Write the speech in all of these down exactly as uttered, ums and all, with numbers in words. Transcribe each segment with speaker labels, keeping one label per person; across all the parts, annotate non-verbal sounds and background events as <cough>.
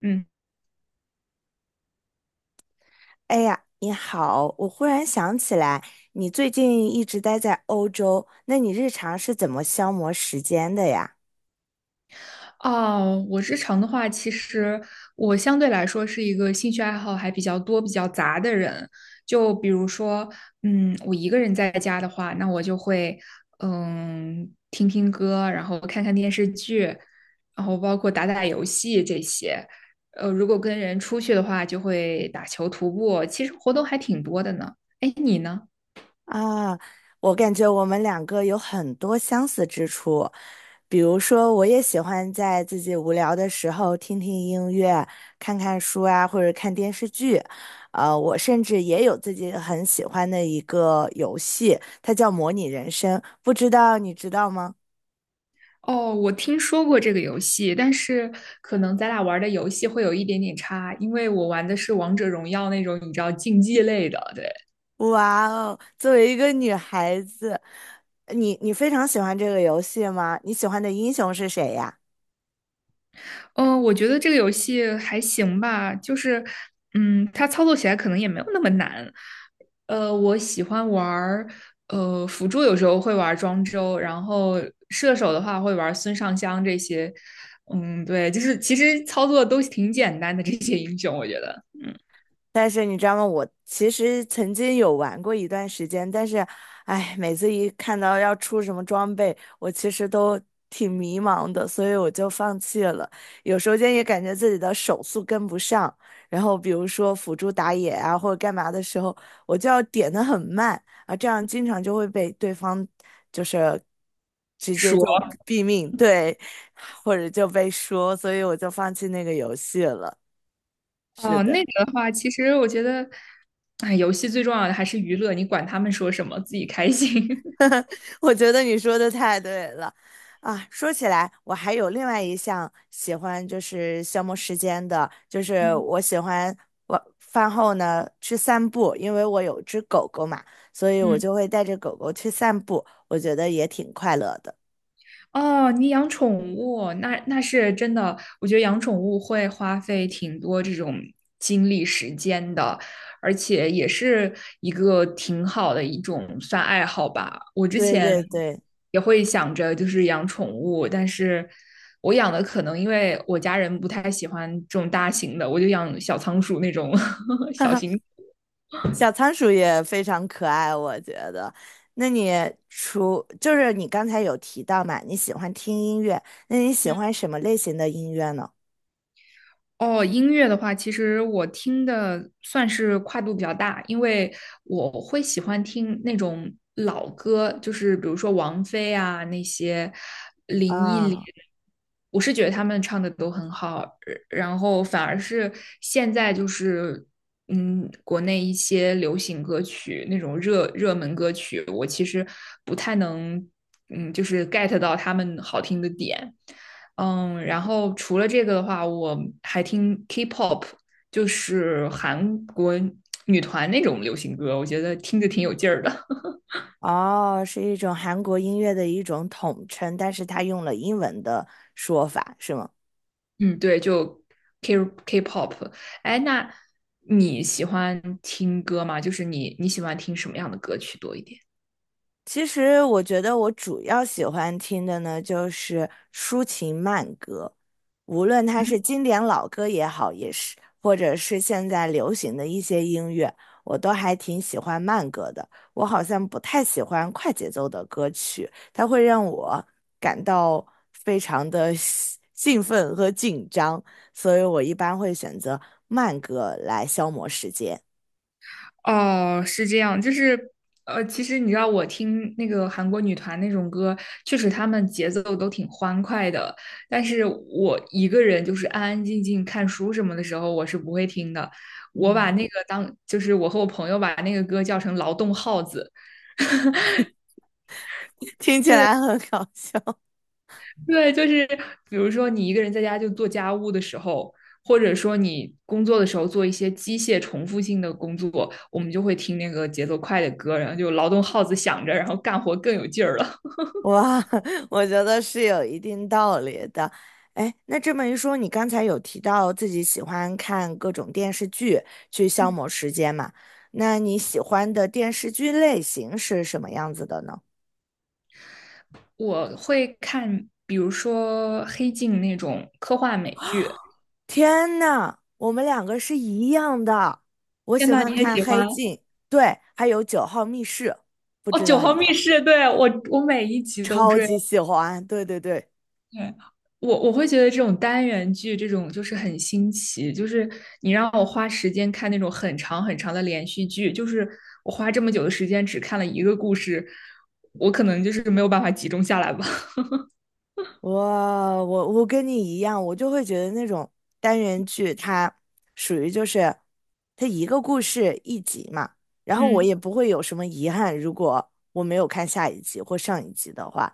Speaker 1: 嗯，
Speaker 2: 哎呀，你好！我忽然想起来，你最近一直待在欧洲，那你日常是怎么消磨时间的呀？
Speaker 1: 哦，我日常的话，其实我相对来说是一个兴趣爱好还比较多、比较杂的人。就比如说，嗯，我一个人在家的话，那我就会，嗯，听听歌，然后看看电视剧，然后包括打打游戏这些。呃，如果跟人出去的话，就会打球、徒步，其实活动还挺多的呢。哎，你呢？
Speaker 2: 啊，我感觉我们两个有很多相似之处，比如说，我也喜欢在自己无聊的时候听听音乐、看看书啊，或者看电视剧。呃，我甚至也有自己很喜欢的一个游戏，它叫《模拟人生》，不知道你知道吗？
Speaker 1: 哦，我听说过这个游戏，但是可能咱俩玩的游戏会有一点点差，因为我玩的是王者荣耀那种你知道竞技类的。对。
Speaker 2: 哇哦，作为一个女孩子，你你非常喜欢这个游戏吗？你喜欢的英雄是谁呀？
Speaker 1: 嗯，我觉得这个游戏还行吧，就是，嗯，它操作起来可能也没有那么难。呃，我喜欢玩儿，呃，辅助有时候会玩庄周，然后射手的话会玩孙尚香这些。嗯，对，就是其实操作都挺简单的这些英雄，我觉得，嗯。
Speaker 2: 但是你知道吗？我其实曾经有玩过一段时间，但是，哎，每次一看到要出什么装备，我其实都挺迷茫的，所以我就放弃了。有时间也感觉自己的手速跟不上，然后比如说辅助打野啊或者干嘛的时候，我就要点的很慢啊，这样经常就会被对方就是直接
Speaker 1: 说。
Speaker 2: 就毙命，对，<laughs> 或者就被说，所以我就放弃那个游戏了。是
Speaker 1: 哦，
Speaker 2: 的。
Speaker 1: 那个的话，其实我觉得，哎，游戏最重要的还是娱乐，你管他们说什么，自己开心。<laughs>
Speaker 2: 我觉得你说的太对了，啊，说起来，我还有另外一项喜欢，就是消磨时间的，就是
Speaker 1: 嗯。
Speaker 2: 我喜欢晚饭后呢去散步，因为我有只狗狗嘛，所以我
Speaker 1: 嗯。
Speaker 2: 就会带着狗狗去散步，我觉得也挺快乐的。
Speaker 1: 哦，你养宠物，那那是真的，我觉得养宠物会花费挺多这种精力时间的，而且也是一个挺好的一种算爱好吧。我之
Speaker 2: 对
Speaker 1: 前
Speaker 2: 对对，
Speaker 1: 也会想着就是养宠物，但是我养的可能因为我家人不太喜欢这种大型的，我就养小仓鼠那种 <laughs>
Speaker 2: <laughs> 哈
Speaker 1: 小
Speaker 2: 哈，
Speaker 1: 型
Speaker 2: 小仓鼠也非常可爱，我觉得。那你除就是你刚才有提到嘛，你喜欢听音乐，那你喜欢什么类型的音乐呢？
Speaker 1: 哦，音乐的话，其实我听的算是跨度比较大，因为我会喜欢听那种老歌，就是比如说王菲啊那些林忆莲，
Speaker 2: 啊。
Speaker 1: 我是觉得他们唱的都很好，呃然后反而是现在就是嗯，国内一些流行歌曲那种热热门歌曲，我其实不太能嗯，就是 get 到他们好听的点。嗯，然后除了这个的话，我还听 K-pop，就是韩国女团那种流行歌，我觉得听着挺有劲儿的。
Speaker 2: 哦，是一种韩国音乐的一种统称，但是它用了英文的说法，是吗？
Speaker 1: <laughs> 嗯，对，就 K K-pop。哎，那你喜欢听歌吗？就是你你喜欢听什么样的歌曲多一点？
Speaker 2: 其实我觉得我主要喜欢听的呢，就是抒情慢歌，无论它是经典老歌也好，也是或者是现在流行的一些音乐，我都还挺喜欢慢歌的。我好像不太喜欢快节奏的歌曲，它会让我感到非常的 <laughs> 兴奋和紧张，所以我一般会选择慢歌来消磨时间。
Speaker 1: 哦，是这样，就是呃，其实你知道，我听那个韩国女团那种歌，确实她们节奏都挺欢快的，但是我一个人就是安安静静看书什么的时候，我是不会听的。我把
Speaker 2: 嗯，
Speaker 1: 那个当，就是我和我朋友把那个歌叫成劳动号子。
Speaker 2: <laughs> 听起来很搞笑。
Speaker 1: 对，就是比如说你一个人在家就做家务的时候，或者说你工作的时候做一些机械重复性的工作，我们就会听那个节奏快的歌，然后就劳动号子响着，然后干活更有劲儿了。
Speaker 2: 哇，<laughs> 我觉得是有一定道理的。哎，那这么一说，你刚才有提到自己喜欢看各种电视剧去消磨
Speaker 1: <laughs>
Speaker 2: 时间嘛？那你喜欢的电视剧类型是什么样子的呢？
Speaker 1: 我会看，比如说《黑镜》那种科幻美剧。
Speaker 2: 天呐，我们两个是一样的。我
Speaker 1: 天
Speaker 2: 喜
Speaker 1: 呐，你
Speaker 2: 欢
Speaker 1: 也
Speaker 2: 看
Speaker 1: 喜
Speaker 2: 《黑
Speaker 1: 欢哦？
Speaker 2: 镜》，对，还有《九号密室》，不知
Speaker 1: 《九
Speaker 2: 道
Speaker 1: 号
Speaker 2: 你
Speaker 1: 密室》对我，我每一集都
Speaker 2: 超
Speaker 1: 追。
Speaker 2: 级喜欢。对对对。
Speaker 1: 对，我我会觉得这种单元剧，这种就是很新奇，就是你让我花时间看那种很长很长的连续剧，就是我花这么久的时间只看了一个故事，我可能就是没有办法集中下来吧。
Speaker 2: 我我我跟你一样，我就会觉得那种单元剧它属于就是它一个故事一集嘛，
Speaker 1: <laughs>
Speaker 2: 然后我
Speaker 1: 嗯。
Speaker 2: 也不会有什么遗憾，如果我没有看下一集或上一集的话，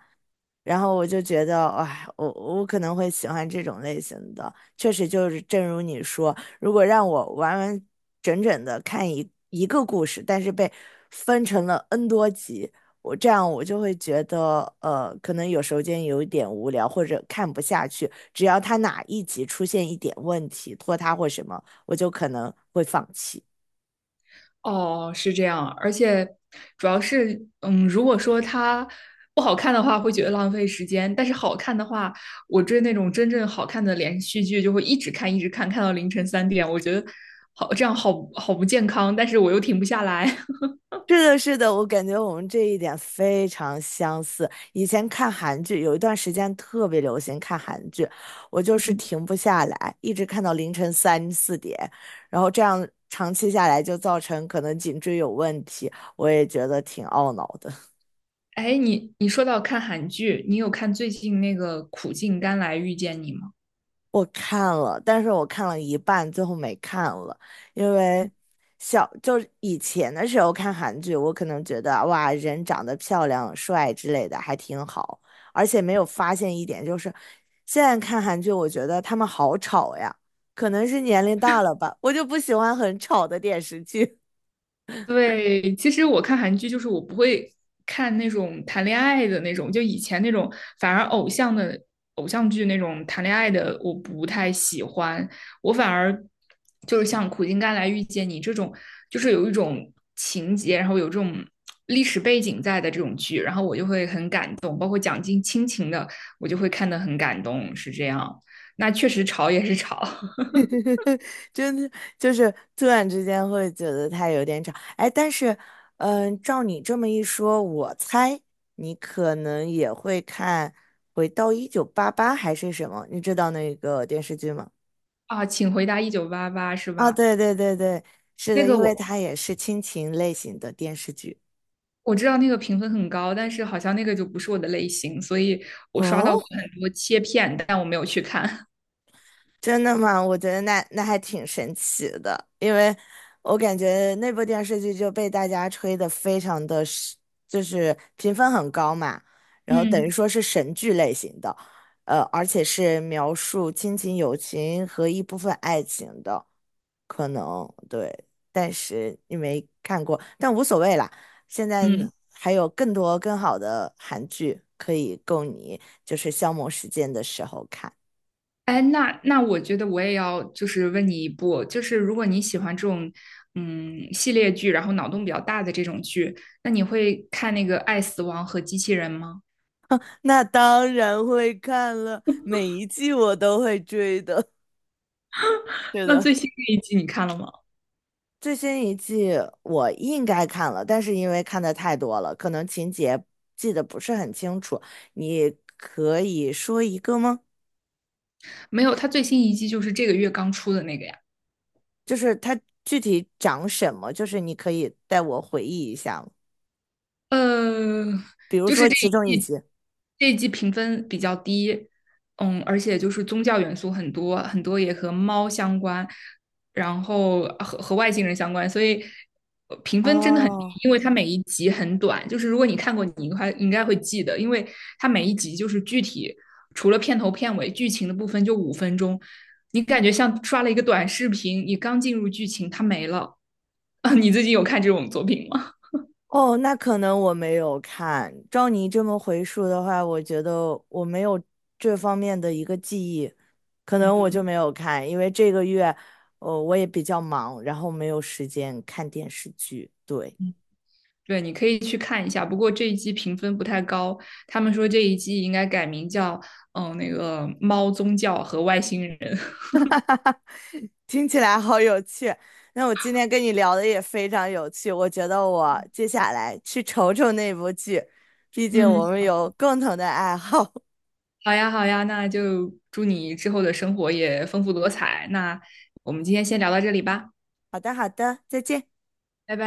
Speaker 2: 然后我就觉得，哎，我我可能会喜欢这种类型的。确实，就是正如你说，如果让我完完整整的看一一个故事，但是被分成了 N 多集，我这样我就会觉得，呃，可能有时间有一点无聊，或者看不下去。只要他哪一集出现一点问题，拖沓或什么，我就可能会放弃。
Speaker 1: 哦，是这样，而且主要是，嗯，如果说它不好看的话，会觉得浪费时间；但是好看的话，我追那种真正好看的连续剧，就会一直看，一直看，看到凌晨三点。我觉得好，这样好好不健康，但是我又停不下来。<laughs>
Speaker 2: 是的，是的，我感觉我们这一点非常相似。以前看韩剧，有一段时间特别流行看韩剧，我就是停不下来，一直看到凌晨三四点，然后这样长期下来就造成可能颈椎有问题，我也觉得挺懊恼的。
Speaker 1: 哎，你你说到看韩剧，你有看最近那个《苦尽甘来遇见你》吗？
Speaker 2: 我看了，但是我看了一半，最后没看了，因为小就是以前的时候看韩剧，我可能觉得哇，人长得漂亮、帅之类的还挺好，而且没有发现一点，就是现在看韩剧，我觉得他们好吵呀，可能是年龄大了吧，我就不喜欢很吵的电视剧。
Speaker 1: 对，其实我看韩剧就是我不会看那种谈恋爱的那种，就以前那种，反而偶像的偶像剧那种谈恋爱的我不太喜欢，我反而就是像《苦尽甘来遇见你》这种，就是有一种情节，然后有这种历史背景在的这种剧，然后我就会很感动，包括讲尽亲情的，我就会看得很感动，是这样。那确实吵也是吵
Speaker 2: <laughs> 真的就是突然之间会觉得它有点吵，哎，但是，嗯，照你这么一说，我猜你可能也会看《回到一九八八》还是什么？你知道那个电视剧吗？
Speaker 1: <laughs> 啊，请回答一九八八是
Speaker 2: 啊，
Speaker 1: 吧？
Speaker 2: 对对对对，是
Speaker 1: 那
Speaker 2: 的，
Speaker 1: 个
Speaker 2: 因为
Speaker 1: 我
Speaker 2: 它也是亲情类型的电视剧。
Speaker 1: 我知道那个评分很高，但是好像那个就不是我的类型，所以我刷到过
Speaker 2: 哦，
Speaker 1: 很多切片，但我没有去看。<laughs>
Speaker 2: 真的吗？我觉得那那还挺神奇的，因为我感觉那部电视剧就被大家吹得非常的是就是评分很高嘛，然后等于
Speaker 1: 嗯。
Speaker 2: 说是神剧类型的，呃，而且是描述亲情、友情和一部分爱情的，可能对，但是你没看过，但无所谓啦。现在呢
Speaker 1: 嗯，
Speaker 2: 还有更多更好的韩剧可以供你就是消磨时间的时候看。
Speaker 1: 哎，那那我觉得我也要就是问你一部，就是如果你喜欢这种嗯系列剧，然后脑洞比较大的这种剧，那你会看那个《爱死亡和机器人》吗？
Speaker 2: 那当然会看了，每一季我都会追的。<laughs> 是
Speaker 1: 那
Speaker 2: 的，
Speaker 1: 最新的一季你看了吗？
Speaker 2: 最新一季我应该看了，但是因为看的太多了，可能情节记得不是很清楚。你可以说一个吗？
Speaker 1: 没有，它最新一季就是这个月刚出的那个呀。
Speaker 2: 就是它具体讲什么？就是你可以带我回忆一下吗
Speaker 1: 呃，
Speaker 2: 比如
Speaker 1: 就是
Speaker 2: 说
Speaker 1: 这
Speaker 2: 其
Speaker 1: 一
Speaker 2: 中一
Speaker 1: 季
Speaker 2: 集。
Speaker 1: 这一季评分比较低，嗯，而且就是宗教元素很多，很多也和猫相关，然后和和外星人相关，所以呃评分真的很低，
Speaker 2: 哦，
Speaker 1: 因为它每一集很短，就是如果你看过，你应该应该会记得，因为它每一集就是具体除了片头片尾剧情的部分就五分钟，你感觉像刷了一个短视频，你刚进入剧情它没了，<laughs> 啊，你最近有看这种作品吗？
Speaker 2: 哦，那可能我没有看。照你这么回述的话，我觉得我没有这方面的一个记忆，可能我就
Speaker 1: 嗯。
Speaker 2: 没有看，因为这个月，呃，我也比较忙，然后没有时间看电视剧。对，
Speaker 1: 对，你可以去看一下。不过这一季评分不太高，他们说这一季应该改名叫嗯那个猫宗教和外星人。
Speaker 2: 听起来好有趣。那我今天跟你聊的也非常有趣，我觉得我接下来去瞅瞅那部剧，毕竟
Speaker 1: 嗯，
Speaker 2: 我们有共同的爱好。<laughs>
Speaker 1: 好呀，好呀，那就祝你之后的生活也丰富多彩。那我们今天先聊到这里吧，
Speaker 2: 好的，好的，再见。
Speaker 1: 拜拜。